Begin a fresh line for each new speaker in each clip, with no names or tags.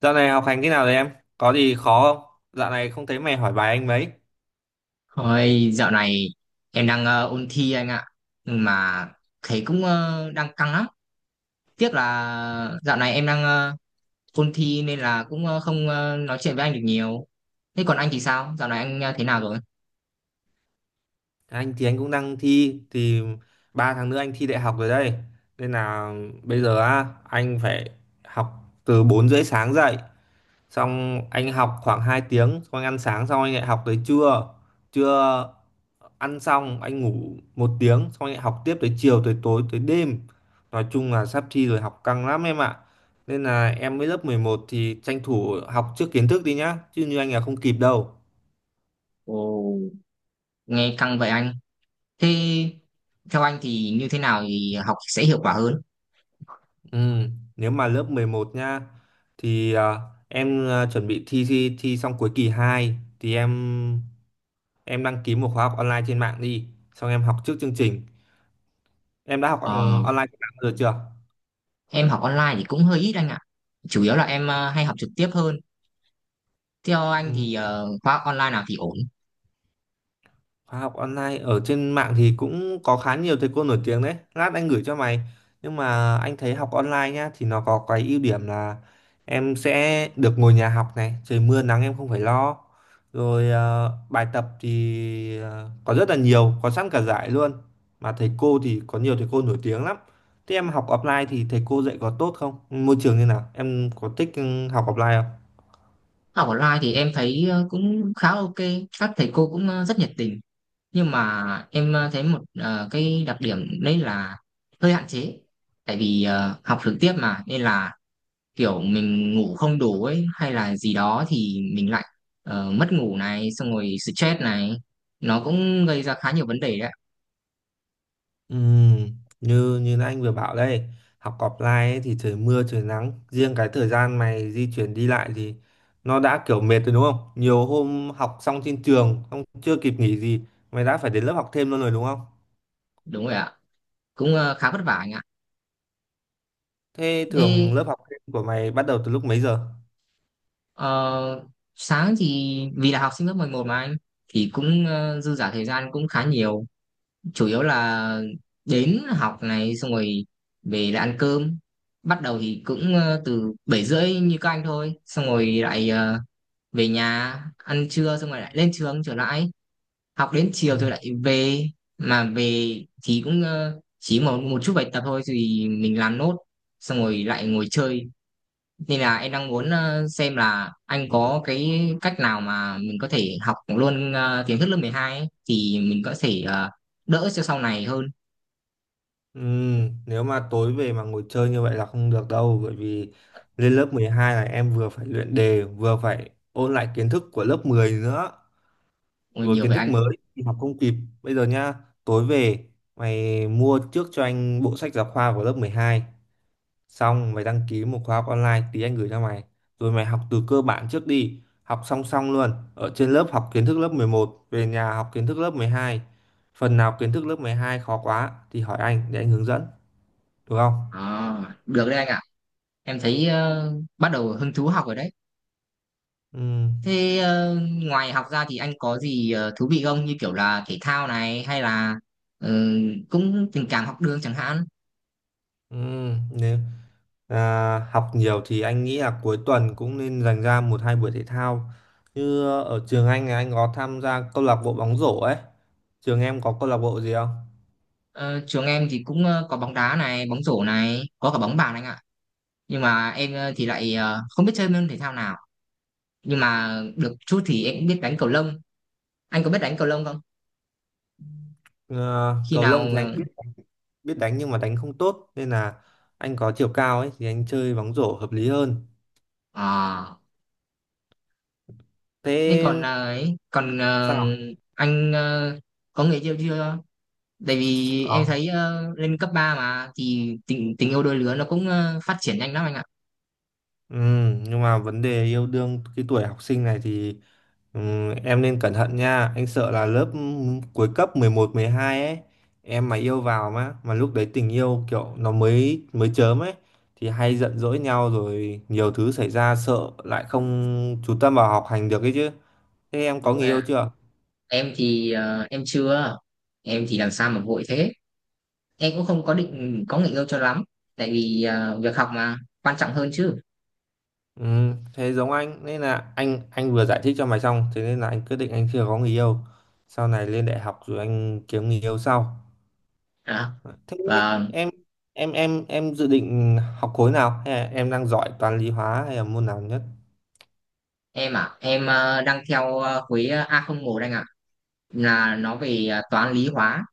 Dạo này học hành thế nào rồi em? Có gì khó không? Dạo này không thấy mày hỏi bài anh mấy.
Ôi, dạo này em đang ôn thi anh ạ. Nhưng mà thấy cũng đang căng lắm. Tiếc là dạo này em đang ôn thi nên là cũng không nói chuyện với anh được nhiều. Thế còn anh thì sao? Dạo này anh thế nào rồi?
Anh thì anh cũng đang thi thì 3 tháng nữa anh thi đại học rồi đây, nên là bây giờ á anh phải học từ 4h30 sáng dậy, xong anh học khoảng 2 tiếng, xong anh ăn sáng, xong anh lại học tới trưa. Trưa ăn xong anh ngủ 1 tiếng, xong anh lại học tiếp tới chiều tới tối tới đêm. Nói chung là sắp thi rồi, học căng lắm em ạ. Nên là em mới lớp 11 thì tranh thủ học trước kiến thức đi nhá, chứ như anh là không kịp đâu.
Ồ, nghe căng vậy anh. Thế theo anh thì như thế nào thì học sẽ hiệu quả hơn?
Ừ, nếu mà lớp 11 nha thì em à, chuẩn bị thi, thi xong cuối kỳ 2 thì em đăng ký một khóa học online trên mạng đi. Xong em học trước chương trình. Em đã học
Ờ,
online trên mạng rồi chưa?
em học online thì cũng hơi ít anh ạ. Chủ yếu là em hay học trực tiếp hơn. Theo anh
Ừ.
thì khóa online nào thì ổn?
Khóa học online ở trên mạng thì cũng có khá nhiều thầy cô nổi tiếng đấy. Lát anh gửi cho mày. Nhưng mà anh thấy học online nhá thì nó có cái ưu điểm là em sẽ được ngồi nhà học này, trời mưa nắng em không phải lo. Rồi bài tập thì có rất là nhiều, có sẵn cả giải luôn. Mà thầy cô thì có nhiều thầy cô nổi tiếng lắm. Thế em học offline thì thầy cô dạy có tốt không? Môi trường như nào? Em có thích học offline không?
Học online thì em thấy cũng khá ok, các thầy cô cũng rất nhiệt tình. Nhưng mà em thấy một cái đặc điểm đấy là hơi hạn chế. Tại vì học trực tiếp mà nên là kiểu mình ngủ không đủ ấy hay là gì đó thì mình lại mất ngủ này, xong rồi stress này, nó cũng gây ra khá nhiều vấn đề đấy.
Ừm, như như anh vừa bảo đây, học offline ấy, thì trời mưa trời nắng riêng cái thời gian mày di chuyển đi lại thì nó đã kiểu mệt rồi đúng không? Nhiều hôm học xong trên trường không, chưa kịp nghỉ gì mày đã phải đến lớp học thêm luôn rồi đúng không?
Đúng rồi ạ. Cũng khá vất vả anh ạ.
Thế
Thế
thường lớp học thêm của mày bắt đầu từ lúc mấy giờ?
ờ, sáng thì vì là học sinh lớp 11 mà anh thì cũng dư giả thời gian cũng khá nhiều, chủ yếu là đến học này xong rồi về là ăn cơm, bắt đầu thì cũng từ 7:30 như các anh thôi, xong rồi lại về nhà ăn trưa xong rồi lại lên trường trở lại học đến
Ừ.
chiều rồi lại về. Mà về thì cũng chỉ một một chút bài tập thôi thì mình làm nốt xong rồi lại ngồi chơi, nên là em đang muốn xem là anh có cái cách nào mà mình có thể học luôn kiến thức lớp 12 ấy, thì mình có thể đỡ cho sau này hơn.
Nếu mà tối về mà ngồi chơi như vậy là không được đâu, bởi vì lên lớp 12 là em vừa phải luyện đề vừa phải ôn lại kiến thức của lớp 10 nữa,
Ôi,
rồi
nhiều
kiến
vậy
thức
anh.
mới thì học không kịp. Bây giờ nhá, tối về mày mua trước cho anh bộ sách giáo khoa của lớp 12, xong mày đăng ký một khóa học online, tí anh gửi cho mày, rồi mày học từ cơ bản trước đi, học song song luôn, ở trên lớp học kiến thức lớp 11, về nhà học kiến thức lớp 12. Phần nào kiến thức lớp 12 khó quá thì hỏi anh để anh hướng dẫn, được không?
Ờ, Được đấy anh ạ. Em thấy bắt đầu hứng thú học rồi đấy.
Ừ.
Thế ngoài học ra thì anh có gì thú vị không, như kiểu là thể thao này hay là ờ, cũng tình cảm học đường chẳng hạn.
Ừ. nếu, À, học nhiều thì anh nghĩ là cuối tuần cũng nên dành ra một hai buổi thể thao. Như ở trường anh thì anh có tham gia câu lạc bộ bóng rổ ấy. Trường em có câu lạc bộ gì không?
Ờ, Trường em thì cũng có bóng đá này bóng rổ này có cả bóng bàn anh ạ. Nhưng mà em thì lại không biết chơi môn thể thao nào. Nhưng mà được chút thì em cũng biết đánh cầu lông. Anh có biết đánh cầu lông không?
Ờ,
Khi
cầu
nào
lông thì anh biết đánh nhưng mà đánh không tốt, nên là anh có chiều cao ấy thì anh chơi bóng rổ hợp lý hơn.
ờ, à, thế
Thế
còn à, ấy, còn à,
sao?
anh có người yêu chưa? Tại vì em
Có.
thấy lên cấp 3 mà thì tình tình yêu đôi lứa nó cũng phát triển nhanh lắm anh ạ.
Ừ, nhưng mà vấn đề yêu đương cái tuổi học sinh này thì ừ, em nên cẩn thận nha. Anh sợ là lớp cuối cấp mười một mười hai ấy, em mà yêu vào mà lúc đấy tình yêu kiểu nó mới mới chớm ấy thì hay giận dỗi nhau rồi nhiều thứ xảy ra, sợ lại không chú tâm vào học hành được ấy chứ. Thế em có
Đúng
người
rồi
yêu
ạ.
chưa?
Em thì em chưa. Em thì làm sao mà vội thế. Em cũng không có định có người yêu cho lắm. Tại vì việc học mà quan trọng hơn chứ.
Ừ, thế giống anh, nên là anh vừa giải thích cho mày xong, thế nên là anh quyết định anh chưa có người yêu, sau này lên đại học rồi anh kiếm người yêu sau.
À.
Thế
Và
em em dự định học khối nào, hay là em đang giỏi toán lý hóa, hay là môn nào nhất?
em đang theo khối A01 anh ạ. Là nó về toán lý hóa,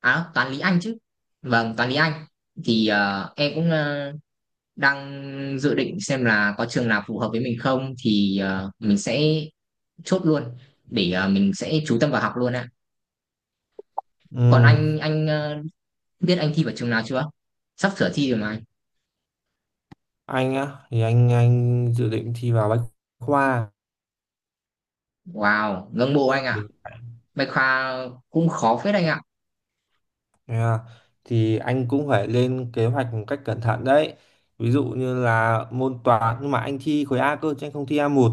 à toán lý Anh chứ, vâng toán lý Anh. Thì em cũng đang dự định xem là có trường nào phù hợp với mình không thì mình sẽ chốt luôn, để mình sẽ chú tâm vào học luôn ạ. Còn
Ừ,
anh biết anh thi vào trường nào chưa, sắp sửa thi rồi mà anh.
anh á thì anh dự định thi vào bách khoa.
Wow, ngưỡng mộ anh ạ.
mình
Bách Khoa cũng khó phết anh ạ.
à, thì anh cũng phải lên kế hoạch một cách cẩn thận đấy. Ví dụ như là môn toán, nhưng mà anh thi khối A cơ chứ anh không thi A1.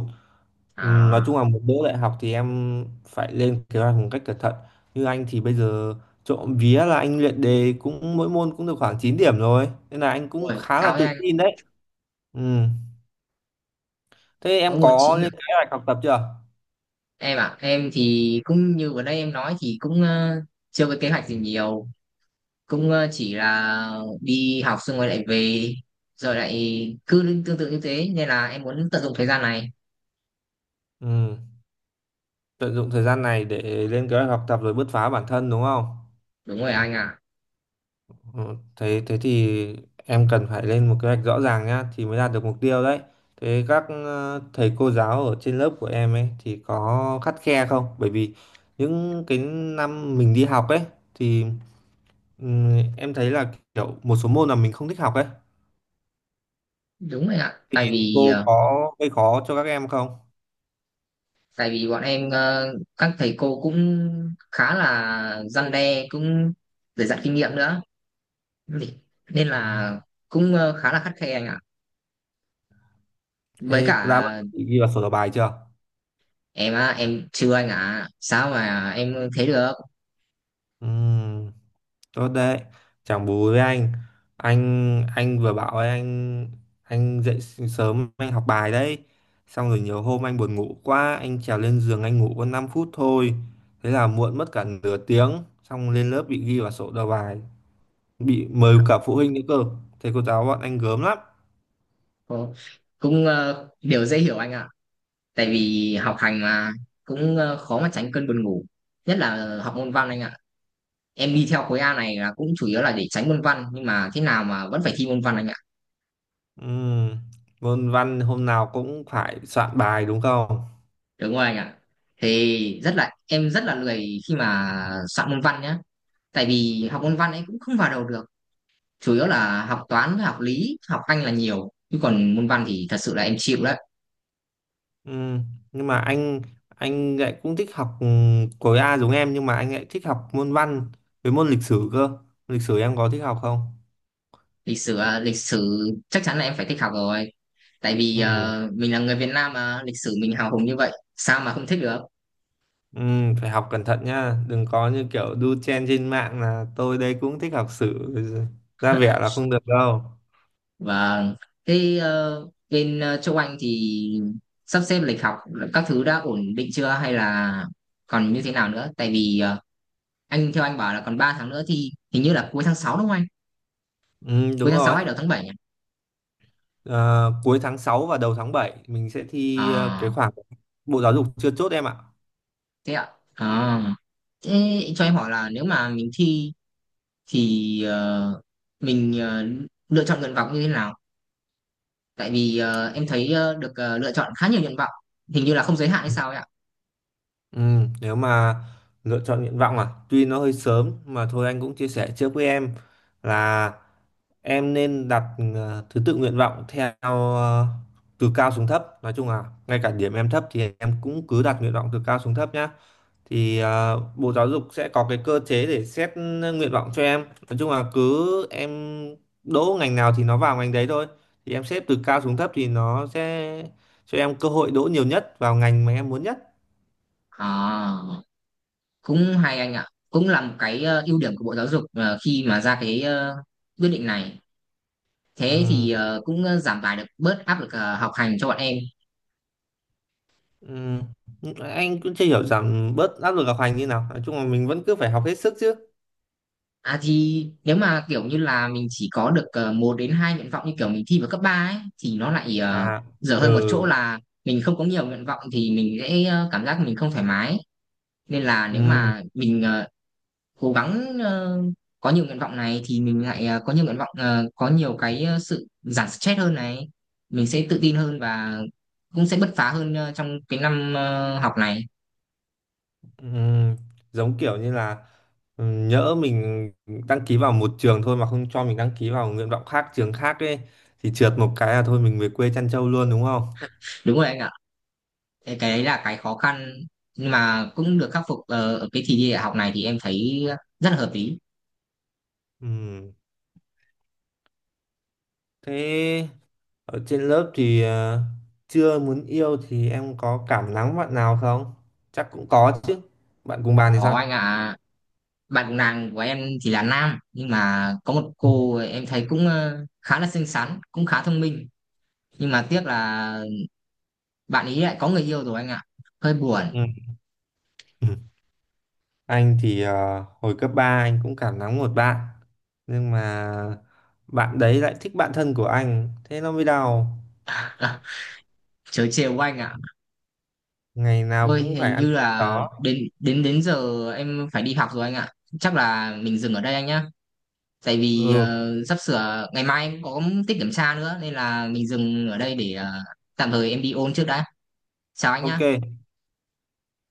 Ừ, nói chung
À.
là một đỗ đại học thì em phải lên kế hoạch một cách cẩn thận. Như anh thì bây giờ trộm vía là anh luyện đề cũng mỗi môn cũng được khoảng 9 điểm rồi. Nên là anh cũng
Ôi
khá là
cao với
tự
anh,
tin đấy. Ừ. Thế
mới
em
môn chín
có
được
lên kế hoạch học tập chưa?
em ạ. Em thì cũng như vừa đây em nói thì cũng chưa có kế hoạch gì nhiều, cũng chỉ là đi học xong rồi lại về rồi lại cứ tương tự như thế, nên là em muốn tận dụng thời gian này.
Ừ. Tận dụng thời gian này để lên kế hoạch học tập rồi bứt phá bản thân đúng không?
Đúng rồi anh ạ.
Ờ, Thế thế thì em cần phải lên một kế hoạch rõ ràng nhá thì mới đạt được mục tiêu đấy. Thế các thầy cô giáo ở trên lớp của em ấy thì có khắt khe không? Bởi vì những cái năm mình đi học ấy thì em thấy là kiểu một số môn là mình không thích học ấy.
Đúng rồi ạ. tại vì
Cô
ờ,
có gây khó cho các em không?
tại vì bọn em các thầy cô cũng khá là răn đe, cũng để dạy kinh nghiệm nữa, nên
Ừ.
là cũng khá là khắt khe anh ạ, với
Thế
cả
đã bận ghi vào sổ đầu bài chưa?
em á em chưa anh ạ, sao mà em thế được.
Ừ. Tốt đấy. Chẳng bù với anh, anh vừa bảo ấy, anh dậy sớm anh học bài đấy, xong rồi nhiều hôm anh buồn ngủ quá anh trèo lên giường anh ngủ có 5 phút thôi, thế là muộn mất cả nửa tiếng, xong lên lớp bị ghi vào sổ đầu bài, bị mời cả phụ huynh nữa cơ, thầy cô giáo bọn anh gớm lắm.
Ồ, cũng điều dễ hiểu anh ạ. Tại vì học hành mà cũng khó mà tránh cơn buồn ngủ, nhất là học môn văn anh ạ. Em đi theo khối A này là cũng chủ yếu là để tránh môn văn, nhưng mà thế nào mà vẫn phải thi môn văn anh ạ.
Ừm, Môn văn hôm nào cũng phải soạn bài đúng không?
Đúng rồi anh ạ. Thì rất là em rất là lười khi mà soạn môn văn nhá. Tại vì học môn văn ấy cũng không vào đầu được. Chủ yếu là học toán với học lý học anh là nhiều chứ còn môn văn thì thật sự là em chịu đấy.
Ừ, nhưng mà anh lại cũng thích học khối A giống em, nhưng mà anh lại thích học môn văn với môn lịch sử cơ. Lịch sử em có thích học không?
Lịch sử à, lịch sử chắc chắn là em phải thích học rồi. Tại vì
Ừ,
mình là người Việt Nam mà lịch sử mình hào hùng như vậy, sao mà không thích được.
ừ, phải học cẩn thận nha, đừng có như kiểu đu chen trên mạng là tôi đây cũng thích học sử, ra vẻ là không được đâu.
Và thế bên châu Anh thì sắp xếp lịch học các thứ đã ổn định chưa hay là còn như thế nào nữa? Tại vì anh theo anh bảo là còn 3 tháng nữa thì hình như là cuối tháng 6 đúng không anh?
Ừ,
Cuối
đúng
tháng 6
rồi.
hay đầu tháng 7 nhỉ?
Ờ, cuối tháng 6 và đầu tháng 7 mình sẽ thi
À.
cái khoảng Bộ Giáo dục chưa chốt em ạ.
Thế ạ. À, thế cho em hỏi là nếu mà mình thi thì mình lựa chọn nguyện vọng như thế nào? Tại vì em thấy được lựa chọn khá nhiều nguyện vọng, hình như là không giới hạn hay sao ấy ạ.
Ừ, nếu mà lựa chọn nguyện vọng tuy nó hơi sớm mà thôi anh cũng chia sẻ trước với em là em nên đặt thứ tự nguyện vọng theo ờ, từ cao xuống thấp. Nói chung là ngay cả điểm em thấp thì em cũng cứ đặt nguyện vọng từ cao xuống thấp nhá. Thì Bộ Giáo dục sẽ có cái cơ chế để xét nguyện vọng cho em. Nói chung là cứ em đỗ ngành nào thì nó vào ngành đấy thôi. Thì em xếp từ cao xuống thấp thì nó sẽ cho em cơ hội đỗ nhiều nhất vào ngành mà em muốn nhất.
À, cũng hay anh ạ, cũng là một cái ưu điểm của Bộ Giáo dục khi mà ra cái quyết định này. Thế
Ừ.
thì cũng giảm tải được bớt áp lực học hành cho bọn em.
Ừm, anh cũng chưa hiểu rằng bớt áp lực học hành như nào, nói chung là mình vẫn cứ phải học hết sức chứ.
À thì nếu mà kiểu như là mình chỉ có được một đến hai nguyện vọng như kiểu mình thi vào cấp 3 ấy thì nó lại
À.
dở hơn một chỗ
Ừ.
là mình không có nhiều nguyện vọng thì mình sẽ cảm giác mình không thoải mái. Nên là nếu
ừm,
mà mình cố gắng có nhiều nguyện vọng này thì mình lại có nhiều nguyện vọng có nhiều cái sự giảm stress hơn này, mình sẽ tự tin hơn và cũng sẽ bứt phá hơn trong cái năm học này.
ừm, Giống kiểu như là nhỡ mình đăng ký vào một trường thôi mà không cho mình đăng ký vào nguyện vọng khác trường khác ấy, thì trượt một cái là thôi mình về quê chăn trâu luôn đúng không?
Đúng rồi anh ạ. Cái đấy là cái khó khăn, nhưng mà cũng được khắc phục ở cái kỳ thi đại học này thì em thấy rất là hợp lý.
Ừm, Thế ở trên lớp thì chưa muốn yêu thì em có cảm nắng bạn nào không? Chắc cũng có chứ. Bạn cùng bàn thì
Có anh
sao?
ạ. Bạn cùng nàng của em thì là nam, nhưng mà có một cô em thấy cũng khá là xinh xắn, cũng khá thông minh, nhưng mà tiếc là bạn ấy lại có người yêu rồi anh ạ. Hơi buồn.
Ừ. Ừ. Anh thì hồi cấp 3 anh cũng cảm nắng một bạn, nhưng mà bạn đấy lại thích bạn thân của anh, thế nó mới đau.
À, trời chiều của anh ạ.
Ngày nào
Ôi
cũng phải
hình
ăn
như
cắp
là
đó.
đến đến đến giờ em phải đi học rồi anh ạ. Chắc là mình dừng ở đây anh nhá. Tại vì
Ừ,
sắp sửa ngày mai em có tiết kiểm tra nữa, nên là mình dừng ở đây để tạm thời em đi ôn trước đã. Chào anh nhá.
ok.